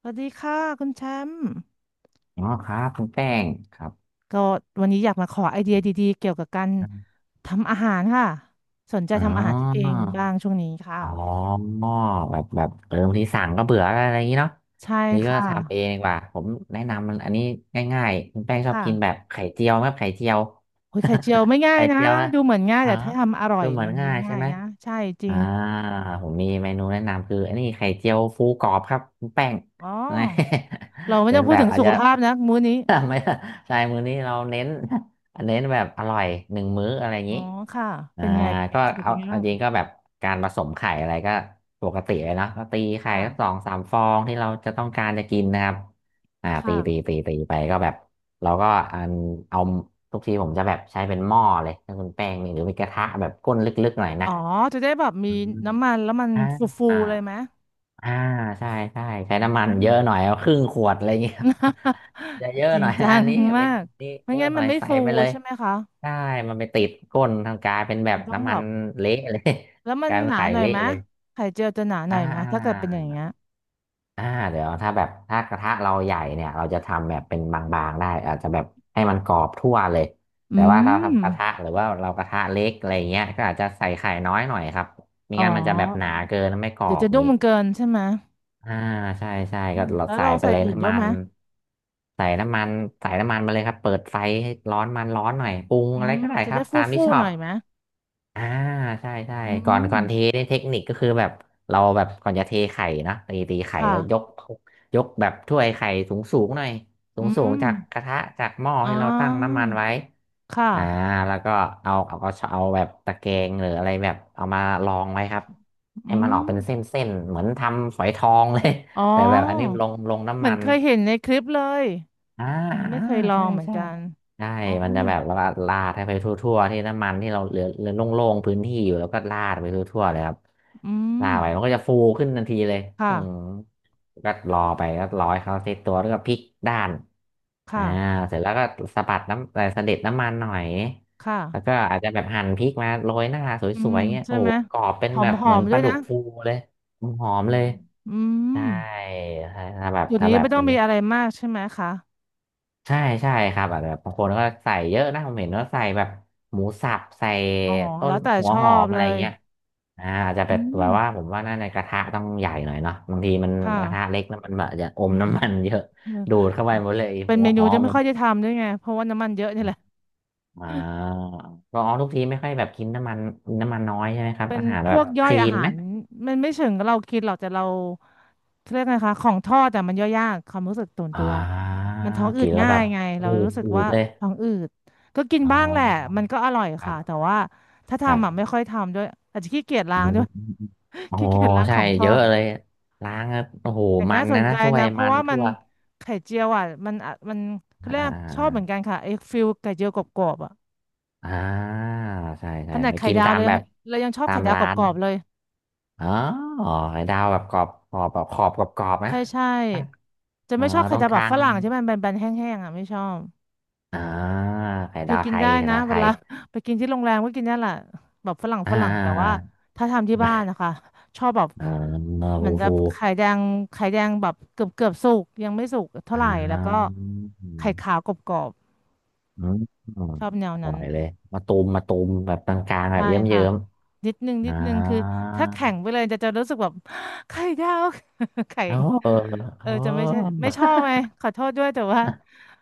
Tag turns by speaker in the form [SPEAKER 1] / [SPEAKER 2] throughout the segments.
[SPEAKER 1] สวัสดีค่ะคุณแชมป์
[SPEAKER 2] อ๋อครับคุณแป้งครับ
[SPEAKER 1] ก็วันนี้อยากมาขอไอเดียดีๆเกี่ยวกับการทำอาหารค่ะสนใจ
[SPEAKER 2] อ๋
[SPEAKER 1] ทำอาหารเอ
[SPEAKER 2] อ
[SPEAKER 1] งบ้างช่วงนี้ค่ะ
[SPEAKER 2] อ๋อแบบบางทีสั่งก็เบื่ออะไรอย่างนี้เนาะ
[SPEAKER 1] ใช่
[SPEAKER 2] นี่ก็
[SPEAKER 1] ค่ะ
[SPEAKER 2] ทำเองดีกว่าผมแนะนำมันอันนี้ง่ายๆคุณแป้งชอบ
[SPEAKER 1] ค่ะ
[SPEAKER 2] กินแบบไข่เจียวไหมไข่เจียว
[SPEAKER 1] โอ้ยไข่เจียว ไม่ง่าย
[SPEAKER 2] ไข่
[SPEAKER 1] นะ
[SPEAKER 2] เจียวนะ
[SPEAKER 1] ดูเหมือนง่าย
[SPEAKER 2] อ๋อ
[SPEAKER 1] แต่ถ้าทำอร่อ
[SPEAKER 2] ดู
[SPEAKER 1] ย
[SPEAKER 2] เหมือ
[SPEAKER 1] มั
[SPEAKER 2] น
[SPEAKER 1] นไม่
[SPEAKER 2] ง่ายใช่
[SPEAKER 1] ง่าย
[SPEAKER 2] ไหม
[SPEAKER 1] นะใช่จริ
[SPEAKER 2] อ่า
[SPEAKER 1] ง
[SPEAKER 2] ผมมีเมนูแนะนำคืออันนี้ไข่เจียวฟูกรอบครับคุณแป้ง
[SPEAKER 1] อ๋อ
[SPEAKER 2] นะ
[SPEAKER 1] เรา ไม่
[SPEAKER 2] เป็
[SPEAKER 1] ต้
[SPEAKER 2] น
[SPEAKER 1] องพู
[SPEAKER 2] แบ
[SPEAKER 1] ด
[SPEAKER 2] บ
[SPEAKER 1] ถึง
[SPEAKER 2] อาจ
[SPEAKER 1] สุข
[SPEAKER 2] จะ
[SPEAKER 1] ภาพนะมื้อนี้
[SPEAKER 2] ไม่ใช่ มื้อนี้เราเน้น เน้นแบบอร่อยหนึ่งมื้ออะไรอย่าง
[SPEAKER 1] อ๋อ
[SPEAKER 2] นี้
[SPEAKER 1] ค่ะ
[SPEAKER 2] อ่า
[SPEAKER 1] เป็นไงเป็นไง
[SPEAKER 2] ก็
[SPEAKER 1] สรุป
[SPEAKER 2] เอา
[SPEAKER 1] เป็นไง
[SPEAKER 2] เอา
[SPEAKER 1] บ้าง
[SPEAKER 2] จริงก็แบบการผสมไข่อะไรก็ปกติเลยเนาะก็ตีไข่
[SPEAKER 1] ค่ะ
[SPEAKER 2] สักสองสามฟองที่เราจะต้องการจะกินนะครับตีตี
[SPEAKER 1] ค่ะ
[SPEAKER 2] ตีตีไปก็แบบเราก็อันเอาทุกทีผมจะแบบใช้เป็นหม้อเลยถ้าคุณแป้งนี่หรือเป็นกระทะแบบก้นลึกๆหน่อย
[SPEAKER 1] อ๋
[SPEAKER 2] นะ
[SPEAKER 1] อจะได้แบบมี
[SPEAKER 2] อืม
[SPEAKER 1] น้ำมันแล้วมันฟู
[SPEAKER 2] อ่า
[SPEAKER 1] ๆเลยไหม
[SPEAKER 2] อ่าใช่ใช้
[SPEAKER 1] อ
[SPEAKER 2] น้ำมัน
[SPEAKER 1] ื
[SPEAKER 2] เย
[SPEAKER 1] ม
[SPEAKER 2] อะหน่อยเอาครึ่งขวดอะไรเงี้ย อาจจะเย อะ
[SPEAKER 1] จริ
[SPEAKER 2] ห
[SPEAKER 1] ง
[SPEAKER 2] น่อย
[SPEAKER 1] จั
[SPEAKER 2] อั
[SPEAKER 1] ง
[SPEAKER 2] นนี้เม
[SPEAKER 1] มา
[SPEAKER 2] นู
[SPEAKER 1] ก
[SPEAKER 2] นี้
[SPEAKER 1] ไม่
[SPEAKER 2] เยอะ
[SPEAKER 1] งั้น
[SPEAKER 2] หน่
[SPEAKER 1] มั
[SPEAKER 2] อ
[SPEAKER 1] น
[SPEAKER 2] ย
[SPEAKER 1] ไม่
[SPEAKER 2] ใส่
[SPEAKER 1] ฟู
[SPEAKER 2] ไปเลย
[SPEAKER 1] ใช่ไหมคะ
[SPEAKER 2] ใช่มันไปติดก้นทางกลายเป็นแบ
[SPEAKER 1] มั
[SPEAKER 2] บ
[SPEAKER 1] นต้อง
[SPEAKER 2] น้ำ
[SPEAKER 1] แบ
[SPEAKER 2] มัน
[SPEAKER 1] บ
[SPEAKER 2] เละเลย
[SPEAKER 1] แล้ว มั
[SPEAKER 2] ก
[SPEAKER 1] น
[SPEAKER 2] ลายเป็
[SPEAKER 1] ห
[SPEAKER 2] น
[SPEAKER 1] นา
[SPEAKER 2] ไข่
[SPEAKER 1] หน่อย
[SPEAKER 2] เละ
[SPEAKER 1] ไหม
[SPEAKER 2] เลย
[SPEAKER 1] ไข่เจียวจะหนาหน่
[SPEAKER 2] อ่า
[SPEAKER 1] อยไหม
[SPEAKER 2] อ่
[SPEAKER 1] ถ้าเกิดเป็นอย่าง
[SPEAKER 2] า
[SPEAKER 1] เงี้ย
[SPEAKER 2] อ่าเดี๋ยวถ้าแบบถ้ากระทะเราใหญ่เนี่ยเราจะทำแบบเป็นบางๆได้อาจจะแบบให้มันกรอบทั่วเลยแต่
[SPEAKER 1] อื
[SPEAKER 2] ว่าเรา
[SPEAKER 1] ม
[SPEAKER 2] ทำกระทะหรือว่าเรากระทะเล็กอะไรเงี้ยก็อาจจะใส่ไข่น้อยหน่อยครับไม่
[SPEAKER 1] อ๋อ
[SPEAKER 2] งั้นมันจะแบบหนาเกินแล้วไม่กรอ
[SPEAKER 1] เดี๋ยว
[SPEAKER 2] บ
[SPEAKER 1] จะนุ่
[SPEAKER 2] งี้
[SPEAKER 1] มเกินใช่ไหม
[SPEAKER 2] อ่าใช่
[SPEAKER 1] อื
[SPEAKER 2] ก็
[SPEAKER 1] ม
[SPEAKER 2] เรา
[SPEAKER 1] แล้ว
[SPEAKER 2] ใส่
[SPEAKER 1] เรา
[SPEAKER 2] ไป
[SPEAKER 1] ใส่
[SPEAKER 2] เลย
[SPEAKER 1] อื่นด้
[SPEAKER 2] น้ำ
[SPEAKER 1] วย
[SPEAKER 2] มั
[SPEAKER 1] ไหม
[SPEAKER 2] นใส่น้ำมันใส่น้ำมันมาเลยครับเปิดไฟให้ร้อนมันร้อนหน่อยปรุง
[SPEAKER 1] อื
[SPEAKER 2] อะไร
[SPEAKER 1] ม
[SPEAKER 2] ก็ได้
[SPEAKER 1] จะ
[SPEAKER 2] ครั
[SPEAKER 1] ได้
[SPEAKER 2] บ
[SPEAKER 1] ฟู
[SPEAKER 2] ตาม
[SPEAKER 1] ฟู
[SPEAKER 2] ที่ชอ
[SPEAKER 1] หน่
[SPEAKER 2] บ
[SPEAKER 1] อยไหม
[SPEAKER 2] อ่าใช่
[SPEAKER 1] อื
[SPEAKER 2] ก่อน
[SPEAKER 1] ม
[SPEAKER 2] ก่อนเทนี่เทคนิคก็คือแบบเราแบบก่อนจะเทไข่นะตีไข่
[SPEAKER 1] ค่ะ
[SPEAKER 2] แล้วยกยกแบบถ้วยไข่สูงสูงหน่อยสู
[SPEAKER 1] อื
[SPEAKER 2] งสูง
[SPEAKER 1] ม
[SPEAKER 2] จากกระทะจากหม้อ
[SPEAKER 1] อ๋อ
[SPEAKER 2] ที่เราตั้งน้ำมันไว้
[SPEAKER 1] ค
[SPEAKER 2] อ่า
[SPEAKER 1] ่ะ
[SPEAKER 2] แล้วก็เอาก็เอาแบบตะแกรงหรืออะไรแบบเอามารองไว้ครับให้
[SPEAKER 1] อื
[SPEAKER 2] มันออ
[SPEAKER 1] ม
[SPEAKER 2] กเป็นเส้นๆเหมือนทำฝอยทองเลย
[SPEAKER 1] อ๋อ
[SPEAKER 2] แต่แบบอันนี้ลง
[SPEAKER 1] เห
[SPEAKER 2] น้ำ
[SPEAKER 1] มือ
[SPEAKER 2] มั
[SPEAKER 1] น
[SPEAKER 2] น
[SPEAKER 1] เคยเห็นในคลิปเลย
[SPEAKER 2] อ่า
[SPEAKER 1] ยังไม่
[SPEAKER 2] อ่า
[SPEAKER 1] เคยลอ
[SPEAKER 2] ใช่
[SPEAKER 1] งเหมือน
[SPEAKER 2] ใช่
[SPEAKER 1] กัน
[SPEAKER 2] ใช่
[SPEAKER 1] อ๋อ
[SPEAKER 2] มันจะแบบว่าลาดให้ไปทั่วๆที่น้ำมันที่เราเหลือโล่งๆพื้นที่อยู่แล้วก็ลาดไปทั่วๆเลยครับ
[SPEAKER 1] อืม
[SPEAKER 2] ลาดไปมันก็จะฟูขึ้นทันทีเลยอืม
[SPEAKER 1] ค่ะ
[SPEAKER 2] ก็รอไปก็รอให้เขาเซตตัวแล้วก็พลิกด้านอ่า
[SPEAKER 1] ค่ะ
[SPEAKER 2] เสร็จแล้วก็สะบัดน้ำสะเด็ดน้ำมันหน่อย
[SPEAKER 1] ค่ะ
[SPEAKER 2] แล้วก็อาจจะแบบหั่นพริกมาโรยหน้าส
[SPEAKER 1] อืม
[SPEAKER 2] วยๆเงี้ย
[SPEAKER 1] ใช่
[SPEAKER 2] โอ้โห
[SPEAKER 1] ไหม
[SPEAKER 2] กรอบเป็น
[SPEAKER 1] หอ
[SPEAKER 2] แบ
[SPEAKER 1] ม
[SPEAKER 2] บ
[SPEAKER 1] ห
[SPEAKER 2] เห
[SPEAKER 1] อ
[SPEAKER 2] มือน
[SPEAKER 1] ม
[SPEAKER 2] ป
[SPEAKER 1] ด้ว
[SPEAKER 2] ลา
[SPEAKER 1] ย
[SPEAKER 2] ดุ
[SPEAKER 1] นะ
[SPEAKER 2] กฟูเลยหอม
[SPEAKER 1] อื
[SPEAKER 2] ๆเล
[SPEAKER 1] ม
[SPEAKER 2] ย
[SPEAKER 1] อื
[SPEAKER 2] ใช่
[SPEAKER 1] ม
[SPEAKER 2] ถ้าถ้าแบบ
[SPEAKER 1] จุด
[SPEAKER 2] ถ้า
[SPEAKER 1] นี้
[SPEAKER 2] แบบ
[SPEAKER 1] ไม่ต้องมีอะไรมากใช่ไหมคะ
[SPEAKER 2] ใช่ใช่ครับอาจจะแบบบางคนก็ใส่เยอะนะผมเห็นว่าใส่แบบหมูสับใส่
[SPEAKER 1] อ๋อ
[SPEAKER 2] ต้
[SPEAKER 1] แล้
[SPEAKER 2] น
[SPEAKER 1] วแต่
[SPEAKER 2] หั
[SPEAKER 1] ช
[SPEAKER 2] ว
[SPEAKER 1] อ
[SPEAKER 2] หอ
[SPEAKER 1] บ
[SPEAKER 2] มอะ
[SPEAKER 1] เล
[SPEAKER 2] ไร
[SPEAKER 1] ย
[SPEAKER 2] เงี้ยอาจจะ
[SPEAKER 1] อื
[SPEAKER 2] แบบแบ
[SPEAKER 1] ม
[SPEAKER 2] บว่าผมว่าน่าในกระทะต้องใหญ่หน่อยเนาะบางทีมัน
[SPEAKER 1] ค
[SPEAKER 2] กระทะ
[SPEAKER 1] ่ะ
[SPEAKER 2] เล็กแล้วมันแบบอาจจะอ
[SPEAKER 1] อื
[SPEAKER 2] ม
[SPEAKER 1] ม
[SPEAKER 2] น้ำมันเยอะ
[SPEAKER 1] เอ
[SPEAKER 2] ดู
[SPEAKER 1] อ
[SPEAKER 2] ดเข้าไปหมดเลย
[SPEAKER 1] เป็น
[SPEAKER 2] หัว
[SPEAKER 1] เม
[SPEAKER 2] ห
[SPEAKER 1] นู
[SPEAKER 2] อ
[SPEAKER 1] ที่
[SPEAKER 2] ม
[SPEAKER 1] ไม่
[SPEAKER 2] แบบ
[SPEAKER 1] ค่อยได้ทำด้วยไง เพราะว่าน้ำมันเยอะนี่แหละ
[SPEAKER 2] อ่าก็อ๋อทุกทีไม่ค่อยแบบกินน้ำมันน้ำมันน้อยใช่ไหมครับ
[SPEAKER 1] เป็น
[SPEAKER 2] อาหาร
[SPEAKER 1] พ
[SPEAKER 2] แบ
[SPEAKER 1] ว
[SPEAKER 2] บ
[SPEAKER 1] ก
[SPEAKER 2] ค
[SPEAKER 1] ย่อย
[SPEAKER 2] ลี
[SPEAKER 1] อา
[SPEAKER 2] น
[SPEAKER 1] หา
[SPEAKER 2] ไหม
[SPEAKER 1] รมันไม่เชิงเรากินหรอกแต่เราเรียกไงคะของทอดแต่มันย่อยยากความรู้สึกตัวน
[SPEAKER 2] อ่
[SPEAKER 1] ตัว
[SPEAKER 2] า
[SPEAKER 1] มันท้องอื
[SPEAKER 2] กิ
[SPEAKER 1] ด
[SPEAKER 2] นแล้ว
[SPEAKER 1] ง่า
[SPEAKER 2] แบ
[SPEAKER 1] ย
[SPEAKER 2] บ
[SPEAKER 1] ไง
[SPEAKER 2] อื
[SPEAKER 1] เรา
[SPEAKER 2] ด
[SPEAKER 1] รู้สึก
[SPEAKER 2] อืด
[SPEAKER 1] ว่า
[SPEAKER 2] เลย
[SPEAKER 1] ท้องอืดก็กิน
[SPEAKER 2] อ๋อ
[SPEAKER 1] บ้างแหละมันก็อร่อย
[SPEAKER 2] ครั
[SPEAKER 1] ค่ะแต่
[SPEAKER 2] บ
[SPEAKER 1] ว่าถ้า
[SPEAKER 2] ครั
[SPEAKER 1] ทำอ่ะไม่
[SPEAKER 2] บ
[SPEAKER 1] ค่อยทำด้วยอาจจะขี้เกียจ
[SPEAKER 2] อื
[SPEAKER 1] ล้างด้
[SPEAKER 2] ม
[SPEAKER 1] วย
[SPEAKER 2] โอ้
[SPEAKER 1] ขี้เกียจล้างข
[SPEAKER 2] ใช่
[SPEAKER 1] องทอ
[SPEAKER 2] เยอะ
[SPEAKER 1] ด
[SPEAKER 2] เลยล้างแล้วโอ้โห
[SPEAKER 1] แต่
[SPEAKER 2] มั
[SPEAKER 1] น่า
[SPEAKER 2] น
[SPEAKER 1] ส
[SPEAKER 2] นะ
[SPEAKER 1] นใจ
[SPEAKER 2] นะถ้วย
[SPEAKER 1] นะเพ
[SPEAKER 2] มั
[SPEAKER 1] ราะ
[SPEAKER 2] น
[SPEAKER 1] ว่ามั
[SPEAKER 2] ทั่
[SPEAKER 1] น
[SPEAKER 2] ว
[SPEAKER 1] ไข่เจียวอ่ะมันอะมันเขาเรี
[SPEAKER 2] อ่
[SPEAKER 1] ยกชอบเหมือน
[SPEAKER 2] า
[SPEAKER 1] กันค่ะไอ้ฟิลไข่เจียวกรอบๆอ่ะ
[SPEAKER 2] อ่าใช่
[SPEAKER 1] ข
[SPEAKER 2] ใช่
[SPEAKER 1] นาด
[SPEAKER 2] ไป
[SPEAKER 1] ไข่
[SPEAKER 2] กิน
[SPEAKER 1] ดาว
[SPEAKER 2] ตาม
[SPEAKER 1] เรายั
[SPEAKER 2] แบ
[SPEAKER 1] ง
[SPEAKER 2] บ
[SPEAKER 1] เรายังชอบ
[SPEAKER 2] ตา
[SPEAKER 1] ไข่
[SPEAKER 2] ม
[SPEAKER 1] ดาวก
[SPEAKER 2] ร้าน
[SPEAKER 1] รอบๆเลย
[SPEAKER 2] อ๋อไข่ดาวแบบกรอบแบบขอบกรอบกรอบนะ
[SPEAKER 1] ใช่ใช่ จะ
[SPEAKER 2] อ่า
[SPEAKER 1] ไม่ชอบไข่
[SPEAKER 2] ตรง
[SPEAKER 1] ดาว
[SPEAKER 2] ก
[SPEAKER 1] แบ
[SPEAKER 2] ลา
[SPEAKER 1] บฝ
[SPEAKER 2] ง
[SPEAKER 1] รั่งใช่ไหมแบนๆแห้งๆอ่ะไม่ชอบ
[SPEAKER 2] อ่าไข่
[SPEAKER 1] คือ
[SPEAKER 2] ดาว
[SPEAKER 1] กิ
[SPEAKER 2] ไท
[SPEAKER 1] น
[SPEAKER 2] ย
[SPEAKER 1] ได้
[SPEAKER 2] ไข่
[SPEAKER 1] นะ
[SPEAKER 2] ดาว
[SPEAKER 1] เว
[SPEAKER 2] ไทย
[SPEAKER 1] ลา ไปกินที่โรงแรมก็กินได้แหละแบบฝรั่ง
[SPEAKER 2] อ่
[SPEAKER 1] ฝรั่งแต่ว่า
[SPEAKER 2] า
[SPEAKER 1] ถ้าทำที่บ้านนะคะชอบแบบ
[SPEAKER 2] อ่า
[SPEAKER 1] เหมื
[SPEAKER 2] ฟู
[SPEAKER 1] อนกั
[SPEAKER 2] ฟู
[SPEAKER 1] บไข่แดงไข่แดงแบบเกือบเกือบสุกยังไม่สุกเท่า
[SPEAKER 2] อ่
[SPEAKER 1] ไหร่แล้วก็
[SPEAKER 2] าอื
[SPEAKER 1] ไข่ขาว
[SPEAKER 2] ม
[SPEAKER 1] กรอบ
[SPEAKER 2] อืม
[SPEAKER 1] ๆชอบแนว
[SPEAKER 2] อร่อ
[SPEAKER 1] นั้น
[SPEAKER 2] ยเลยมาตูมมาตูมแบบกลางๆแบ
[SPEAKER 1] ใช่
[SPEAKER 2] บเย
[SPEAKER 1] ค่ะ
[SPEAKER 2] ิ้ม
[SPEAKER 1] นิดนึง
[SPEAKER 2] ๆ
[SPEAKER 1] นิดนึงคือถ้าแข็งไปเลยจะจะรู้สึกแบบ ไข่ดาว แข็
[SPEAKER 2] อ๋อ
[SPEAKER 1] ง
[SPEAKER 2] เออ
[SPEAKER 1] เอ
[SPEAKER 2] อ๋อ
[SPEAKER 1] อจะไม่ใช่ไม่ช อบไหมขอโทษด้วยแต่ว่า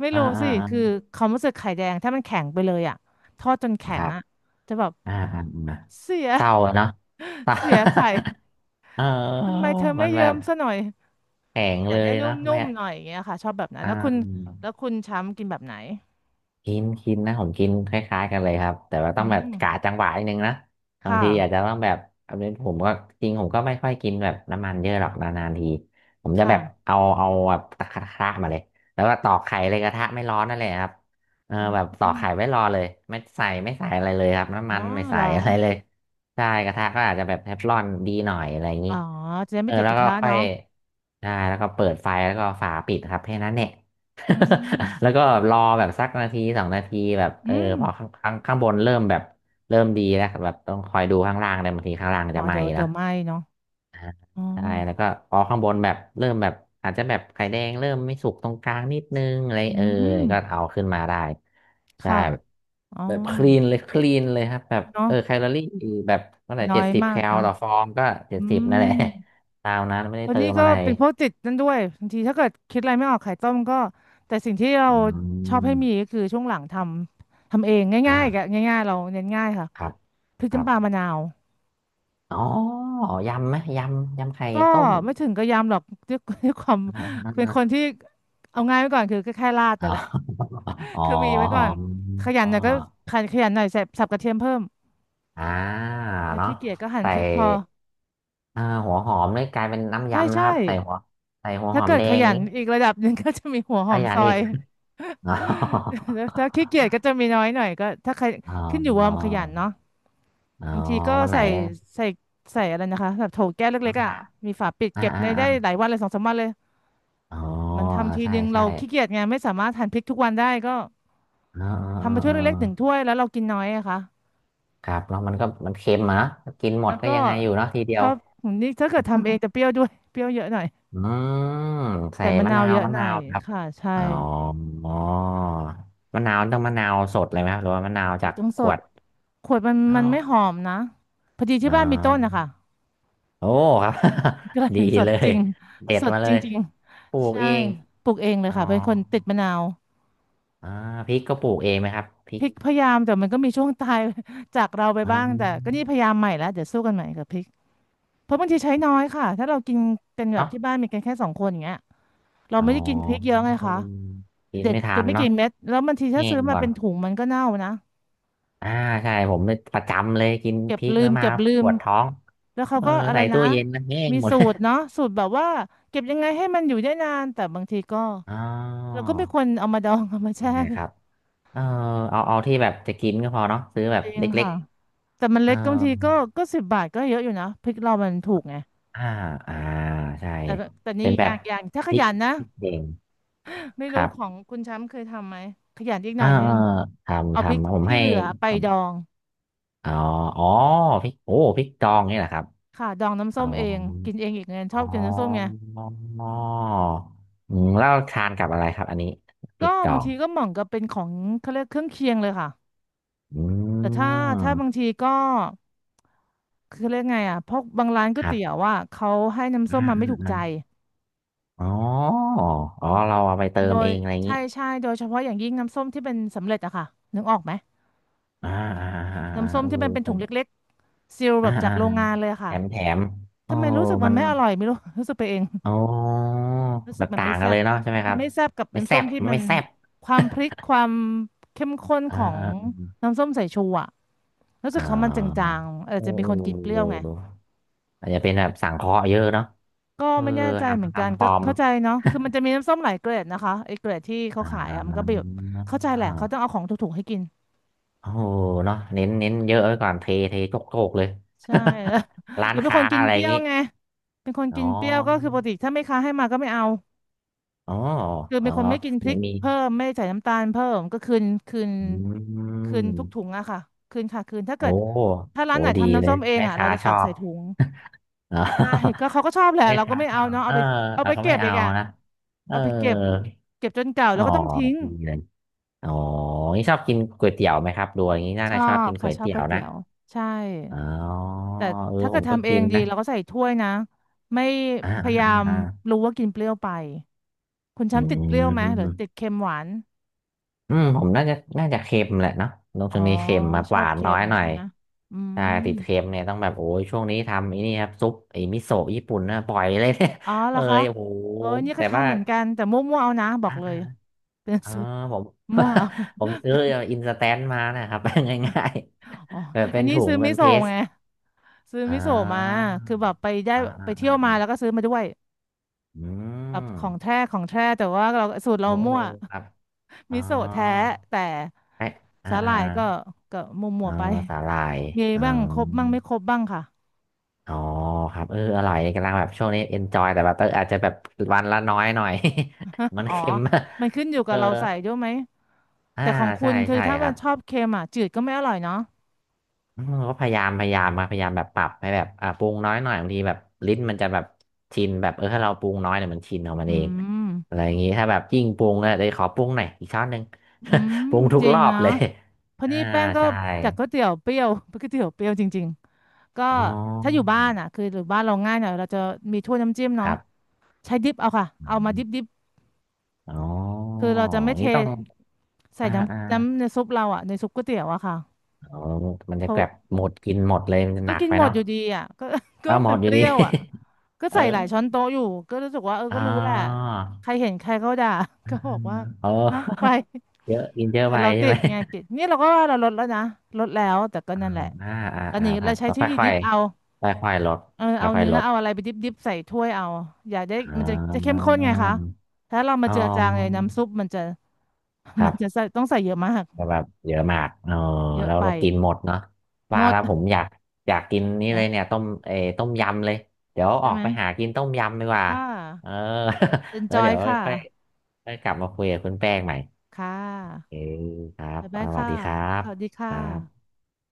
[SPEAKER 1] ไม่
[SPEAKER 2] อ่า
[SPEAKER 1] รู้
[SPEAKER 2] อ่า
[SPEAKER 1] สิ
[SPEAKER 2] อ่า
[SPEAKER 1] คือความรู้สึกไข่แดงถ้ามันแข็งไปเลยอ่ะทอดจนแข็
[SPEAKER 2] ค
[SPEAKER 1] ง
[SPEAKER 2] รับ
[SPEAKER 1] อ่ะจะแบบ
[SPEAKER 2] อ่าอ่าอ่า
[SPEAKER 1] เสีย
[SPEAKER 2] เศร้าอะเนาะ เศ ร้า
[SPEAKER 1] เสียไข่
[SPEAKER 2] เออ
[SPEAKER 1] ทำไมเธอ
[SPEAKER 2] มั
[SPEAKER 1] ไม่
[SPEAKER 2] นแบ
[SPEAKER 1] เยิ้
[SPEAKER 2] บ
[SPEAKER 1] มซะหน่อย
[SPEAKER 2] แข็ง
[SPEAKER 1] อยา
[SPEAKER 2] เล
[SPEAKER 1] กได้
[SPEAKER 2] ย
[SPEAKER 1] นุ
[SPEAKER 2] เนอะ
[SPEAKER 1] ่
[SPEAKER 2] แม่
[SPEAKER 1] มๆหน่อยอย่างเงี้ยค่ะชอบแบบนั้น
[SPEAKER 2] อ่
[SPEAKER 1] แล้วคุณ
[SPEAKER 2] า
[SPEAKER 1] แล้วคุณช้ำกินแบบไหน
[SPEAKER 2] กินกินนะผมกินคล้ายๆกันเลยครับแต่ว่า
[SPEAKER 1] อื
[SPEAKER 2] ต้องแบบ
[SPEAKER 1] ม
[SPEAKER 2] กะจังหวะนิดนึงนะบาง
[SPEAKER 1] ค่ะ
[SPEAKER 2] ทีอาจจะต้องแบบอันนี้ผมก็จริงผมก็ไม่ค่อยกินแบบน้ำมันเยอะหรอกนานๆทีผมจะแบบ
[SPEAKER 1] ค่ะ
[SPEAKER 2] เอาแบบตะกร้ามาเลยแล้วก็ตอกไข่เลยกระทะไม่ร้อนนั่นเลยครับเออ
[SPEAKER 1] อืม
[SPEAKER 2] แบบต
[SPEAKER 1] อ
[SPEAKER 2] อก
[SPEAKER 1] ม
[SPEAKER 2] ไข่ไว้รอเลยไม่ใส่อะไรเลยครับน้ำ
[SPEAKER 1] อ๋
[SPEAKER 2] มั
[SPEAKER 1] อ
[SPEAKER 2] นไม่
[SPEAKER 1] เห
[SPEAKER 2] ใส่
[SPEAKER 1] รอ
[SPEAKER 2] อะไรเลยใช่กระทะก็อาจจะแบบเทฟลอนดีหน่อยอะไรอย่าง
[SPEAKER 1] อ๋
[SPEAKER 2] นี้
[SPEAKER 1] อจะได้
[SPEAKER 2] เอ
[SPEAKER 1] ไม่
[SPEAKER 2] อ
[SPEAKER 1] ติด
[SPEAKER 2] แล้
[SPEAKER 1] ก
[SPEAKER 2] ว
[SPEAKER 1] ระ
[SPEAKER 2] ก็
[SPEAKER 1] ทะ
[SPEAKER 2] ค่อย
[SPEAKER 1] เนาะ
[SPEAKER 2] ใช่แล้วก็เปิดไฟแล้วก็ฝาปิดครับแค่นั้นเนี่ย
[SPEAKER 1] อื
[SPEAKER 2] แล้
[SPEAKER 1] ม
[SPEAKER 2] วก็รอแบบสักนาทีสองนาทีแบบ
[SPEAKER 1] อืม
[SPEAKER 2] พอข้างบนเริ่มแบบเริ่มดีแล้วแบบต้องคอยดูข้างล่างเลยบางทีข้างล่างมัน
[SPEAKER 1] อ๋อ
[SPEAKER 2] จะไหม้
[SPEAKER 1] เดี๋ยว
[SPEAKER 2] เน
[SPEAKER 1] เดี๋ย
[SPEAKER 2] อะ
[SPEAKER 1] วไหม้เนาะอ๋อ
[SPEAKER 2] ใช่แล้วก็พอข้างบนแบบเริ่มแบบอาจจะแบบไข่แดงเริ่มไม่สุกตรงกลางนิดนึงอะไร
[SPEAKER 1] อืม
[SPEAKER 2] ก็เอาขึ้นมาได้ใช่
[SPEAKER 1] ค่ะ
[SPEAKER 2] แบบ
[SPEAKER 1] อ๋อ
[SPEAKER 2] แบบคลีนเลยคลีนเลยครับแบบ
[SPEAKER 1] เนาะ
[SPEAKER 2] แคลอรี่แบบเท่าไหร่
[SPEAKER 1] น้อ
[SPEAKER 2] เจ็ด
[SPEAKER 1] ย
[SPEAKER 2] สิบ
[SPEAKER 1] มา
[SPEAKER 2] แค
[SPEAKER 1] ก
[SPEAKER 2] ล
[SPEAKER 1] เนาะ
[SPEAKER 2] ต่อฟองก็เจ็
[SPEAKER 1] อื
[SPEAKER 2] ดสิบนั่นแห
[SPEAKER 1] ม
[SPEAKER 2] ละ ตามนั้นไม่
[SPEAKER 1] ต
[SPEAKER 2] ได้
[SPEAKER 1] อน
[SPEAKER 2] เติ
[SPEAKER 1] นี้
[SPEAKER 2] ม
[SPEAKER 1] ก็
[SPEAKER 2] อะไร
[SPEAKER 1] เป็นพวกติดนั่นด้วยบางทีถ้าเกิดคิดอะไรไม่ออกไข่ต้มก็แต่สิ่งที่เรา
[SPEAKER 2] อื
[SPEAKER 1] ชอบให้มีก็
[SPEAKER 2] ม
[SPEAKER 1] คือช่วงหลังทำเองง่ายๆกับ
[SPEAKER 2] อ่า
[SPEAKER 1] ง่ายๆเราเน้นง่ายค่ะ
[SPEAKER 2] ครับ
[SPEAKER 1] พริก
[SPEAKER 2] ครั
[SPEAKER 1] น้ำ
[SPEAKER 2] บ
[SPEAKER 1] ปลามะนาว
[SPEAKER 2] อ๋อยำไหมยำไข่
[SPEAKER 1] ก็
[SPEAKER 2] ต้ม
[SPEAKER 1] ไม่ถึงกับยำหรอกด้วย ด้วยความ
[SPEAKER 2] อ่า
[SPEAKER 1] เป็นคน ที่เอาง่ายไว้ก่อนคือแค่ๆราด
[SPEAKER 2] อ๋
[SPEAKER 1] นั่น
[SPEAKER 2] อ
[SPEAKER 1] แหละ
[SPEAKER 2] อ๋อ
[SPEAKER 1] คือมีไว้ก่อนขยัน
[SPEAKER 2] อ๋อ
[SPEAKER 1] หน่อยก็ขยันหน่อยใส่สับกระเทียมเพิ่ม
[SPEAKER 2] อ่า
[SPEAKER 1] แล้ว
[SPEAKER 2] เนาะ
[SPEAKER 1] ขี้เกียจก็หั่น
[SPEAKER 2] ใส่
[SPEAKER 1] พริกพอ
[SPEAKER 2] อ่าหัวหอมเลยกลายเป็นน้ำ
[SPEAKER 1] ใช่
[SPEAKER 2] ยำนะ
[SPEAKER 1] ใช่
[SPEAKER 2] ครับ ใส่หัวใส่หัว
[SPEAKER 1] ถ้า
[SPEAKER 2] หอม
[SPEAKER 1] เกิด
[SPEAKER 2] แด
[SPEAKER 1] ข
[SPEAKER 2] ง
[SPEAKER 1] ยัน
[SPEAKER 2] นี่
[SPEAKER 1] อีกระดับหนึ่งก็จะมีหัวหอ
[SPEAKER 2] อะ
[SPEAKER 1] ม
[SPEAKER 2] อย่า
[SPEAKER 1] ซ
[SPEAKER 2] ง
[SPEAKER 1] อ
[SPEAKER 2] นี้อี
[SPEAKER 1] ย
[SPEAKER 2] ก อ๋อ
[SPEAKER 1] แล้วถ้าขี้เกียจก็จะมีน้อยหน่อยก็ถ้าใคร
[SPEAKER 2] อ๋อ
[SPEAKER 1] ขึ้นอยู่ว่าขยันเนาะ
[SPEAKER 2] อ๋อ
[SPEAKER 1] บางทีก็
[SPEAKER 2] วันไหน
[SPEAKER 1] ใส่ใส่ใส่อะไรนะคะแบบโถแก้วเล็กๆ
[SPEAKER 2] น้ำป
[SPEAKER 1] อ่ะ
[SPEAKER 2] ลา
[SPEAKER 1] มีฝาปิด
[SPEAKER 2] อ่า
[SPEAKER 1] เก็บ
[SPEAKER 2] อ่า
[SPEAKER 1] ได้ได้
[SPEAKER 2] อ่า
[SPEAKER 1] หลายวันเลยสองสามวันเลย
[SPEAKER 2] อ๋อ
[SPEAKER 1] มันทำที
[SPEAKER 2] ใช่
[SPEAKER 1] นึง
[SPEAKER 2] ใช่
[SPEAKER 1] เราขี้เกียจไงไม่สามารถหั่นพริกทุกวันได้ก็
[SPEAKER 2] อ๋ออ๋
[SPEAKER 1] ทำ
[SPEAKER 2] อ
[SPEAKER 1] มาถ้วย
[SPEAKER 2] อ๋อ
[SPEAKER 1] เล็กๆหนึ่งถ้วยแล้วเรากินน้อยอะค่ะ
[SPEAKER 2] ครับแล้วมันก็มันเค็มอะเนอะกินหม
[SPEAKER 1] แล้
[SPEAKER 2] ด
[SPEAKER 1] ว
[SPEAKER 2] ก็
[SPEAKER 1] ก็
[SPEAKER 2] ยังไงอยู่เนาะทีเดี
[SPEAKER 1] ช
[SPEAKER 2] ยว
[SPEAKER 1] อบนี่ถ้าเกิดทำเองจะเปรี้ยวด้วยเปรี้ยวเยอะหน่อย
[SPEAKER 2] อืมใส่
[SPEAKER 1] ใส่มะ
[SPEAKER 2] มะ
[SPEAKER 1] นาว
[SPEAKER 2] นา
[SPEAKER 1] เย
[SPEAKER 2] ว
[SPEAKER 1] อะ
[SPEAKER 2] มะ
[SPEAKER 1] หน่
[SPEAKER 2] นา
[SPEAKER 1] อ
[SPEAKER 2] ว
[SPEAKER 1] ย
[SPEAKER 2] ครับ
[SPEAKER 1] ค่ะใช่
[SPEAKER 2] อ๋ออมะนาวต้องมะนาวสดเลยไหมครับหรือว่ามะนาวจา
[SPEAKER 1] มู
[SPEAKER 2] ก
[SPEAKER 1] ต้อง
[SPEAKER 2] ข
[SPEAKER 1] ส
[SPEAKER 2] ว
[SPEAKER 1] ด
[SPEAKER 2] ด
[SPEAKER 1] ขวดมัน
[SPEAKER 2] อ๋
[SPEAKER 1] มันไม่ห
[SPEAKER 2] อ
[SPEAKER 1] อมนะพอดีที่
[SPEAKER 2] อ๋อ
[SPEAKER 1] บ้านมีต้นนะคะ
[SPEAKER 2] โอ้ครับ
[SPEAKER 1] ก็เล
[SPEAKER 2] ดี
[SPEAKER 1] ยสด
[SPEAKER 2] เล
[SPEAKER 1] จ
[SPEAKER 2] ย
[SPEAKER 1] ริง
[SPEAKER 2] เด็
[SPEAKER 1] ส
[SPEAKER 2] ด
[SPEAKER 1] ด
[SPEAKER 2] มาเล
[SPEAKER 1] จ
[SPEAKER 2] ย
[SPEAKER 1] ริง
[SPEAKER 2] ปลู
[SPEAKER 1] ๆ
[SPEAKER 2] ก
[SPEAKER 1] ใช่
[SPEAKER 2] เอง
[SPEAKER 1] ปลูกเองเลย
[SPEAKER 2] อ๋อ
[SPEAKER 1] ค่ะเป็นคนติดมะนาว
[SPEAKER 2] อ่าพริกก็ปลูกเองไหมครับพริ
[SPEAKER 1] พ
[SPEAKER 2] ก
[SPEAKER 1] ริกพยายามแต่มันก็มีช่วงตาย จากเราไป
[SPEAKER 2] อ๋
[SPEAKER 1] บ้างแต่ก็
[SPEAKER 2] อ
[SPEAKER 1] นี่พยายามใหม่แล้วเดี๋ยวสู้กันใหม่กับพริกเพราะบางทีใช้น้อยค่ะถ้าเรากินกันแบบ
[SPEAKER 2] เนาะ
[SPEAKER 1] ที่บ้านมีกันแค่สองคนอย่างเงี้ยเรา
[SPEAKER 2] อ๋อ
[SPEAKER 1] ไม่ได้กินพริกเยอะไงคะ
[SPEAKER 2] กิน
[SPEAKER 1] เด็ด
[SPEAKER 2] ไม่ทั
[SPEAKER 1] เก็บ
[SPEAKER 2] น
[SPEAKER 1] ไม่
[SPEAKER 2] เนาะ
[SPEAKER 1] กี่เม็ดแล้วบางทีถ้า
[SPEAKER 2] แห้
[SPEAKER 1] ซื้
[SPEAKER 2] ง
[SPEAKER 1] อมา
[SPEAKER 2] ก่อน
[SPEAKER 1] เป็นถุงมันก็เน่านะ
[SPEAKER 2] อ่าใช่ผมเนี่ยประจำเลยกิน
[SPEAKER 1] เก็
[SPEAKER 2] พ
[SPEAKER 1] บ
[SPEAKER 2] ริก
[SPEAKER 1] ลืม
[SPEAKER 2] มา
[SPEAKER 1] เก็บ
[SPEAKER 2] ก
[SPEAKER 1] ลื
[SPEAKER 2] ๆป
[SPEAKER 1] ม
[SPEAKER 2] วดท้อง
[SPEAKER 1] แล้วเขา
[SPEAKER 2] เออ
[SPEAKER 1] ก็อะไร
[SPEAKER 2] ใส่
[SPEAKER 1] นะ
[SPEAKER 2] ตู้เย็นนะแห้ง
[SPEAKER 1] มี
[SPEAKER 2] หมด
[SPEAKER 1] สูตร เนาะสูตรแบบว่าเก็บยังไงให้มันอยู่ได้นานแต่บางทีก็
[SPEAKER 2] อ๋อ
[SPEAKER 1] เราก็ไม่ควรเอามาดอง เอามา
[SPEAKER 2] ยั
[SPEAKER 1] แช่
[SPEAKER 2] งไงครับเออเอาที่แบบจะกินก็พอเนาะซื้อแบบ
[SPEAKER 1] จริง
[SPEAKER 2] เล็ก
[SPEAKER 1] ค่ะแต่มัน
[SPEAKER 2] ๆ
[SPEAKER 1] เล็กบางทีก็ก็10 บาทก็เยอะอยู่นะพริกเรามันถูกไง
[SPEAKER 2] อ่าอ่าใช่
[SPEAKER 1] แต่ก็แต่นี่
[SPEAKER 2] เป็นแบ
[SPEAKER 1] อ
[SPEAKER 2] บ
[SPEAKER 1] ย่างอย่างถ้าข
[SPEAKER 2] พริก
[SPEAKER 1] ยันนะ
[SPEAKER 2] พริกแดง
[SPEAKER 1] ไม่
[SPEAKER 2] ค
[SPEAKER 1] รู้
[SPEAKER 2] รั
[SPEAKER 1] ของ
[SPEAKER 2] บ
[SPEAKER 1] คุณแชมป์เคยทำไหมขยันอีกห
[SPEAKER 2] อ่า
[SPEAKER 1] น่อยนึง
[SPEAKER 2] ทำ
[SPEAKER 1] เอาพริก
[SPEAKER 2] ทำผม
[SPEAKER 1] ที่
[SPEAKER 2] ให้
[SPEAKER 1] เหลือไปดอง
[SPEAKER 2] อ๋ออ๋อพริกโอ้พริกดองนี่แหละครับ
[SPEAKER 1] ค่ะดองน้ำ
[SPEAKER 2] อ๋
[SPEAKER 1] ส้
[SPEAKER 2] อ
[SPEAKER 1] มเองกินเองอีกไงช
[SPEAKER 2] อ๋
[SPEAKER 1] อ
[SPEAKER 2] อ
[SPEAKER 1] บกินน้ำส้มไง
[SPEAKER 2] อืมแล้วทานกับอะไรครับอันนี้พ
[SPEAKER 1] ก็
[SPEAKER 2] ริกดอ
[SPEAKER 1] บาง
[SPEAKER 2] ง
[SPEAKER 1] ทีก็เหมือนกับเป็นของเขาเรียกเครื่องเคียงเลยค่ะ
[SPEAKER 2] อื
[SPEAKER 1] แต่ถ้าถ้าบาง
[SPEAKER 2] ม
[SPEAKER 1] ทีก็คือเรียกไงอ่ะเพราะบางร้านก๋ว
[SPEAKER 2] ค
[SPEAKER 1] ย
[SPEAKER 2] รั
[SPEAKER 1] เตี๋ยว
[SPEAKER 2] บ
[SPEAKER 1] อ่ะเขาให้น้ำ
[SPEAKER 2] อ่า
[SPEAKER 1] ส้มมัน
[SPEAKER 2] อ่า
[SPEAKER 1] ไม่ถูก
[SPEAKER 2] อา
[SPEAKER 1] ใจ
[SPEAKER 2] อ๋ออ๋อ
[SPEAKER 1] เป็น
[SPEAKER 2] เราเอาไปเติ
[SPEAKER 1] โด
[SPEAKER 2] ม
[SPEAKER 1] ย
[SPEAKER 2] เองอะไรอย่าง
[SPEAKER 1] ใช่
[SPEAKER 2] นี้
[SPEAKER 1] ใช่โดยเฉพาะอย่างยิ่งน้ำส้มที่เป็นสำเร็จอะค่ะนึกออกไหม
[SPEAKER 2] อ่าอ่าอ่า
[SPEAKER 1] น้ำส้
[SPEAKER 2] อ
[SPEAKER 1] มที่มันเป็น
[SPEAKER 2] มั
[SPEAKER 1] ถุง
[SPEAKER 2] น
[SPEAKER 1] เล็กๆซีลแบ
[SPEAKER 2] อ่า
[SPEAKER 1] บจาก
[SPEAKER 2] อ่า
[SPEAKER 1] โรงงานเลยอะ
[SPEAKER 2] แถ
[SPEAKER 1] ค่ะ
[SPEAKER 2] มแถมโอ้
[SPEAKER 1] ทำไมรู้สึกมั
[SPEAKER 2] มั
[SPEAKER 1] น
[SPEAKER 2] น
[SPEAKER 1] ไม่อร่อยไม่รู้ รู้สึกไปเอง
[SPEAKER 2] อ๋อ
[SPEAKER 1] รู้
[SPEAKER 2] แบ
[SPEAKER 1] สึก
[SPEAKER 2] บ
[SPEAKER 1] มัน
[SPEAKER 2] ต่า
[SPEAKER 1] ไม่
[SPEAKER 2] งกัน
[SPEAKER 1] แซ่
[SPEAKER 2] เล
[SPEAKER 1] บ
[SPEAKER 2] ยเนาะใช่ไหม
[SPEAKER 1] มั
[SPEAKER 2] ค
[SPEAKER 1] น
[SPEAKER 2] รับ
[SPEAKER 1] ไม่แซ่บกับ
[SPEAKER 2] ไม่
[SPEAKER 1] น้ำ
[SPEAKER 2] แซ่
[SPEAKER 1] ส้ม
[SPEAKER 2] บ
[SPEAKER 1] ที่
[SPEAKER 2] มัน
[SPEAKER 1] มั
[SPEAKER 2] ไม่
[SPEAKER 1] น
[SPEAKER 2] แซ่บ
[SPEAKER 1] ความพริกความเข้มข้น
[SPEAKER 2] อ่า
[SPEAKER 1] ของ
[SPEAKER 2] อ่า
[SPEAKER 1] น้ำส้มสายชูอะรู้
[SPEAKER 2] อ่
[SPEAKER 1] สึกเขามันจา
[SPEAKER 2] า
[SPEAKER 1] งๆเออ
[SPEAKER 2] เออ
[SPEAKER 1] จะเป็น
[SPEAKER 2] เออ
[SPEAKER 1] คนกินเป
[SPEAKER 2] เอ
[SPEAKER 1] รี้ยวไง
[SPEAKER 2] ออาจจะเป็นแบบสั่งเคราะห์เยอะเนาะ
[SPEAKER 1] ก็
[SPEAKER 2] เออ
[SPEAKER 1] ไม่แน่ใจเหมือน
[SPEAKER 2] ทำ
[SPEAKER 1] กัน
[SPEAKER 2] ทำปล
[SPEAKER 1] ก็
[SPEAKER 2] อม
[SPEAKER 1] เข้าใจเนาะคือมันจะมีน้ำส้มหลายเกรดนะคะไอ้เกรดที่เขา
[SPEAKER 2] อ่
[SPEAKER 1] ขายอ่ะมันก็แบ
[SPEAKER 2] า
[SPEAKER 1] บเข้าใจแหละเขาต้องเอาของถูกๆให้กิน
[SPEAKER 2] โอ้โหเนาะเน้นเยอะไว้ก่อนเทโจกโจกเลย
[SPEAKER 1] ใช่
[SPEAKER 2] ร้า
[SPEAKER 1] หรื
[SPEAKER 2] น
[SPEAKER 1] อเป็นค
[SPEAKER 2] ค้า
[SPEAKER 1] นกิน
[SPEAKER 2] อะไร
[SPEAKER 1] เป
[SPEAKER 2] อ
[SPEAKER 1] รี้
[SPEAKER 2] ย่า
[SPEAKER 1] ย
[SPEAKER 2] ง
[SPEAKER 1] ว
[SPEAKER 2] งี้
[SPEAKER 1] ไงเป็นคน
[SPEAKER 2] อ๋อ
[SPEAKER 1] กินเปรี้ยวก็คือปกติถ้าแม่ค้าให้มาก็ไม่เอา
[SPEAKER 2] อ๋อ
[SPEAKER 1] คือ
[SPEAKER 2] อ๋
[SPEAKER 1] เป็
[SPEAKER 2] อ
[SPEAKER 1] นคนไม่กินพริ
[SPEAKER 2] ไม่
[SPEAKER 1] ก
[SPEAKER 2] มี
[SPEAKER 1] เพิ่มไม่ใส่น้ำตาลเพิ่มก็คืน
[SPEAKER 2] อื
[SPEAKER 1] คืนทุก
[SPEAKER 2] ม
[SPEAKER 1] ถุงอะค่ะคืนค่ะคืนถ้า
[SPEAKER 2] โอ้
[SPEAKER 1] เกิดถ้าร้า
[SPEAKER 2] โอ้
[SPEAKER 1] นไหน
[SPEAKER 2] ดี
[SPEAKER 1] ทำ
[SPEAKER 2] เล
[SPEAKER 1] น้ำส้
[SPEAKER 2] ย
[SPEAKER 1] มเอง
[SPEAKER 2] แม่
[SPEAKER 1] อะเรา
[SPEAKER 2] ค้า
[SPEAKER 1] จะ
[SPEAKER 2] ช
[SPEAKER 1] ตั
[SPEAKER 2] อ
[SPEAKER 1] กใส่
[SPEAKER 2] บ
[SPEAKER 1] ถุง
[SPEAKER 2] อ๋อ
[SPEAKER 1] ใช่ก็เขาก็ชอบแห ละ
[SPEAKER 2] แม่
[SPEAKER 1] เราก็
[SPEAKER 2] ค้า
[SPEAKER 1] ไม่
[SPEAKER 2] ช
[SPEAKER 1] เอา
[SPEAKER 2] อบ
[SPEAKER 1] เนาะ
[SPEAKER 2] เอ
[SPEAKER 1] เอา
[SPEAKER 2] อ
[SPEAKER 1] ไปเอา
[SPEAKER 2] เรา
[SPEAKER 1] ไป
[SPEAKER 2] ก็
[SPEAKER 1] เก็
[SPEAKER 2] ไม่
[SPEAKER 1] บอี
[SPEAKER 2] เอา
[SPEAKER 1] กอะ
[SPEAKER 2] นะเออ
[SPEAKER 1] เอาไปเก็บเก็บจนเก่า
[SPEAKER 2] อ๋
[SPEAKER 1] แล้
[SPEAKER 2] อ
[SPEAKER 1] วก็ต้องทิ้ง
[SPEAKER 2] ดีเลยอ๋อนี่ชอบกินก๋วยเตี๋ยวไหมครับดูอย่างนี้น่า
[SPEAKER 1] ช
[SPEAKER 2] จะ
[SPEAKER 1] อ
[SPEAKER 2] ชอบ
[SPEAKER 1] บ
[SPEAKER 2] กินก๋
[SPEAKER 1] ค่ะ
[SPEAKER 2] วย
[SPEAKER 1] ชอบ
[SPEAKER 2] เตี๋ย
[SPEAKER 1] ก๋
[SPEAKER 2] ว
[SPEAKER 1] วย
[SPEAKER 2] นะ
[SPEAKER 1] เตี๋ยวใช่
[SPEAKER 2] อ๋อ
[SPEAKER 1] แต่
[SPEAKER 2] เออ
[SPEAKER 1] ถ้า
[SPEAKER 2] ผ
[SPEAKER 1] เกิด
[SPEAKER 2] มก็
[SPEAKER 1] ทำเอ
[SPEAKER 2] กิ
[SPEAKER 1] ง
[SPEAKER 2] น
[SPEAKER 1] ดี
[SPEAKER 2] นะ
[SPEAKER 1] เราก็ใส่ถ้วยนะไม่
[SPEAKER 2] อ่า
[SPEAKER 1] พ
[SPEAKER 2] อ่า
[SPEAKER 1] ยายา
[SPEAKER 2] อ่า
[SPEAKER 1] ม
[SPEAKER 2] อ่า
[SPEAKER 1] รู้ว่ากินเปรี้ยวไปคุณ
[SPEAKER 2] อื
[SPEAKER 1] ช้ำติดเปรี้ยวไหมห
[SPEAKER 2] ม
[SPEAKER 1] รือติดเค็มหวาน
[SPEAKER 2] อืมผมน่าจะเค็มแหละเนาะลง
[SPEAKER 1] อ๋
[SPEAKER 2] ต
[SPEAKER 1] อ
[SPEAKER 2] รงนี้เค็มมา
[SPEAKER 1] ช
[SPEAKER 2] ห
[SPEAKER 1] อ
[SPEAKER 2] วา
[SPEAKER 1] บ
[SPEAKER 2] น
[SPEAKER 1] เค็
[SPEAKER 2] น้อ
[SPEAKER 1] ม
[SPEAKER 2] ยหน่อ
[SPEAKER 1] ใช่
[SPEAKER 2] ย
[SPEAKER 1] ไหมอืม
[SPEAKER 2] ใช่ติดเค็มเนี่ยต้องแบบโอ้ยช่วงนี้ทำไอ้นี่ครับซุปไอ้มิโซะญี่ปุ่นนะปล่อยเลยเนี่ย
[SPEAKER 1] อ๋อ เหร
[SPEAKER 2] เอ้
[SPEAKER 1] อคะ
[SPEAKER 2] ยโอ้โห
[SPEAKER 1] เนี่ยก็
[SPEAKER 2] แต่ว่า
[SPEAKER 1] ทำเหมือนกันแต่มั่วๆเอานะบอ
[SPEAKER 2] อ่ะ
[SPEAKER 1] กเลย
[SPEAKER 2] อ่ะ
[SPEAKER 1] เป็น
[SPEAKER 2] เออ
[SPEAKER 1] สุด
[SPEAKER 2] ผม
[SPEAKER 1] มั่วเอา
[SPEAKER 2] ผมซื้ออินสแตนต์มานะครับ ง่าย
[SPEAKER 1] อ๋อ
[SPEAKER 2] ๆแบบ
[SPEAKER 1] อั
[SPEAKER 2] เป็
[SPEAKER 1] น
[SPEAKER 2] น
[SPEAKER 1] นี้
[SPEAKER 2] ถุง
[SPEAKER 1] ซื้อ
[SPEAKER 2] เป็
[SPEAKER 1] มิ
[SPEAKER 2] นเพ
[SPEAKER 1] โซะ
[SPEAKER 2] ส
[SPEAKER 1] ไงซื้อ
[SPEAKER 2] อ่
[SPEAKER 1] มิโซะมา
[SPEAKER 2] า
[SPEAKER 1] คือแบบไปได้
[SPEAKER 2] อ่าอ่า
[SPEAKER 1] ไปเที่
[SPEAKER 2] อ่า
[SPEAKER 1] ยวมาแล้
[SPEAKER 2] อา
[SPEAKER 1] วก็ซื้อมาด้วย
[SPEAKER 2] อื
[SPEAKER 1] แบบ
[SPEAKER 2] ม
[SPEAKER 1] ของแท้ของแท้แต่ว่าเราสูตรเรา
[SPEAKER 2] โอ้
[SPEAKER 1] มั่
[SPEAKER 2] โอ
[SPEAKER 1] ว
[SPEAKER 2] ครับอ๋อ
[SPEAKER 1] มิโซะแท้แต่
[SPEAKER 2] ไอะอ่า
[SPEAKER 1] สาห
[SPEAKER 2] อ่า
[SPEAKER 1] ร่ายก็ก็มัวมัว
[SPEAKER 2] อ๋อ
[SPEAKER 1] ไป
[SPEAKER 2] สาหร่าย
[SPEAKER 1] มี
[SPEAKER 2] อ๋อ
[SPEAKER 1] บ้างครบบ้างไม่ครบบ้างค่ะ
[SPEAKER 2] อ๋อครับอร่อยกำลังแบบช่วงนี้เอนจอยแต่แบบอาจจะแบบวันละน้อยหน่อย มั น
[SPEAKER 1] อ๋อ
[SPEAKER 2] เค็ม มาก
[SPEAKER 1] มันขึ้นอยู่
[SPEAKER 2] เอ
[SPEAKER 1] กับ
[SPEAKER 2] อ
[SPEAKER 1] เราใส่ด้วยไหม
[SPEAKER 2] อ่า
[SPEAKER 1] แต่ของคุ
[SPEAKER 2] ใช่
[SPEAKER 1] ณคือ
[SPEAKER 2] ใช่
[SPEAKER 1] ถ้า
[SPEAKER 2] ค
[SPEAKER 1] มั
[SPEAKER 2] รั
[SPEAKER 1] น
[SPEAKER 2] บ
[SPEAKER 1] ชอบเค็มอ่ะจืดก็ไม่อร่อยเนาะ
[SPEAKER 2] อืมก็พยายามมาพยายามแบบปรับให้แบบอ่าปรุงน้อยหน่อยบางทีแบบลิ้นมันจะแบบชินแบบถ้าเราปรุงน้อยเนี่ยมันชินของมัน
[SPEAKER 1] อื
[SPEAKER 2] เองอะ
[SPEAKER 1] ม
[SPEAKER 2] ไรอย่างงี้ถ้าแบบยิ่งปรุงเนี่ยเลยวขอปรุงหน่อยอีกช้อนหนึ่ง
[SPEAKER 1] อืม
[SPEAKER 2] ปรุงทุ
[SPEAKER 1] จ
[SPEAKER 2] ก
[SPEAKER 1] ริ
[SPEAKER 2] ร
[SPEAKER 1] ง
[SPEAKER 2] อบ
[SPEAKER 1] เนาะ
[SPEAKER 2] เลย
[SPEAKER 1] เพ ราะ
[SPEAKER 2] อ่า
[SPEAKER 1] นี่แป้งก็
[SPEAKER 2] ใช่
[SPEAKER 1] จากก๋วยเตี๋ยวเปรี้ยว เป็นก๋วยเตี๋ยวเปรี้ยวจริงๆก็
[SPEAKER 2] อ๋
[SPEAKER 1] ถ้าอยู่
[SPEAKER 2] อ
[SPEAKER 1] บ้านอ่ะคือหรือบ้านเราง่ายหน่อยเราจะมีถ้วยน้ำจิ้ม
[SPEAKER 2] ค
[SPEAKER 1] เนาะ
[SPEAKER 2] รับ
[SPEAKER 1] ใช้ดิบเอาค่ะ
[SPEAKER 2] อ
[SPEAKER 1] เอามาดิบ
[SPEAKER 2] ม
[SPEAKER 1] ดิบ
[SPEAKER 2] อ๋อ
[SPEAKER 1] คือเราจะ
[SPEAKER 2] อ
[SPEAKER 1] ไม่
[SPEAKER 2] ย่าง
[SPEAKER 1] เท
[SPEAKER 2] นี้ต้อง
[SPEAKER 1] ใส่
[SPEAKER 2] อ่าอ่า
[SPEAKER 1] น้ำในซุปเราอ่ะในซุปก๋วยเตี๋ยวอะค่ะ
[SPEAKER 2] อ๋อมัน
[SPEAKER 1] เพ
[SPEAKER 2] จะแกล
[SPEAKER 1] ราะ
[SPEAKER 2] บหมดกินหมดเลยมันจะ
[SPEAKER 1] ก็
[SPEAKER 2] หนัก
[SPEAKER 1] กิน
[SPEAKER 2] ไป
[SPEAKER 1] หมด
[SPEAKER 2] เนาะ
[SPEAKER 1] อยู่ดีอ่ะก็ ก็
[SPEAKER 2] เอาหม
[SPEAKER 1] มัน
[SPEAKER 2] ดอ
[SPEAKER 1] เป
[SPEAKER 2] ยู่
[SPEAKER 1] รี้
[SPEAKER 2] ดี
[SPEAKER 1] ยวอ่ะก็
[SPEAKER 2] เออ
[SPEAKER 1] ใส่หลายช้อนโต๊ะอยู่ก็รู้สึกว่า
[SPEAKER 2] อ๋อ
[SPEAKER 1] ก็รู้แหละใครเห็นใครเขาด่า ก็บอกว่า
[SPEAKER 2] เออ
[SPEAKER 1] เนาะไป
[SPEAKER 2] เยอะกินเยอะ
[SPEAKER 1] แต่
[SPEAKER 2] ไป
[SPEAKER 1] เรา
[SPEAKER 2] ใช่
[SPEAKER 1] ติ
[SPEAKER 2] ไหม
[SPEAKER 1] ดไงติดนี่เราก็ว่าเราลดแล้วนะลดแล้วแต่ก็นั่นแหละ
[SPEAKER 2] อ่าอ่า
[SPEAKER 1] ตอน
[SPEAKER 2] อ่า
[SPEAKER 1] นี้
[SPEAKER 2] ผั
[SPEAKER 1] เรา
[SPEAKER 2] ก
[SPEAKER 1] ใช้
[SPEAKER 2] ต้อง
[SPEAKER 1] ที่
[SPEAKER 2] ค่อยค่อ
[SPEAKER 1] ดิ
[SPEAKER 2] ย
[SPEAKER 1] บเอา
[SPEAKER 2] ค่อยค่อยๆลด ค่อย
[SPEAKER 1] เอา
[SPEAKER 2] ค่อย
[SPEAKER 1] เนื้
[SPEAKER 2] ๆ
[SPEAKER 1] อ
[SPEAKER 2] ลด
[SPEAKER 1] เอาอะไรไปดิบดิบใส่ถ้วยเอาอยากได้
[SPEAKER 2] อ่
[SPEAKER 1] มันจะจะเข้
[SPEAKER 2] า
[SPEAKER 1] มข้นไงคะถ้าเรามา
[SPEAKER 2] อ๋อ
[SPEAKER 1] เจือจางในน้ำซุปมันจะ
[SPEAKER 2] ค รั
[SPEAKER 1] มันจะ
[SPEAKER 2] บ
[SPEAKER 1] ใส่ต้องใส่เยอะมาก
[SPEAKER 2] ก็แบบเยอะมากเออ
[SPEAKER 1] เยอะ
[SPEAKER 2] แล้ว
[SPEAKER 1] ไป
[SPEAKER 2] เรากินหมดเนาะ
[SPEAKER 1] หม
[SPEAKER 2] ว่า
[SPEAKER 1] ด
[SPEAKER 2] แล้วผมอยากอยากกินนี่เล
[SPEAKER 1] นะ
[SPEAKER 2] ยเนี่ยต้มต้มยำเลย เดี๋ยวอ
[SPEAKER 1] ใช่
[SPEAKER 2] อก
[SPEAKER 1] ไหม
[SPEAKER 2] ไปหากินต้มยำดีกว่า
[SPEAKER 1] ค่ะ
[SPEAKER 2] เออ แล้วเดี๋
[SPEAKER 1] enjoy
[SPEAKER 2] ยว
[SPEAKER 1] ค่
[SPEAKER 2] ค่อย
[SPEAKER 1] ะ
[SPEAKER 2] ค่อยกลับมาคุยกับคุณแป้งใหม่
[SPEAKER 1] ค่
[SPEAKER 2] เอ
[SPEAKER 1] ะ
[SPEAKER 2] อครับ
[SPEAKER 1] บ๊ายบาย
[SPEAKER 2] สวัส
[SPEAKER 1] ค่ะ
[SPEAKER 2] ดีครั
[SPEAKER 1] ส
[SPEAKER 2] บ
[SPEAKER 1] วัสดีค่
[SPEAKER 2] ครั
[SPEAKER 1] ะ
[SPEAKER 2] บ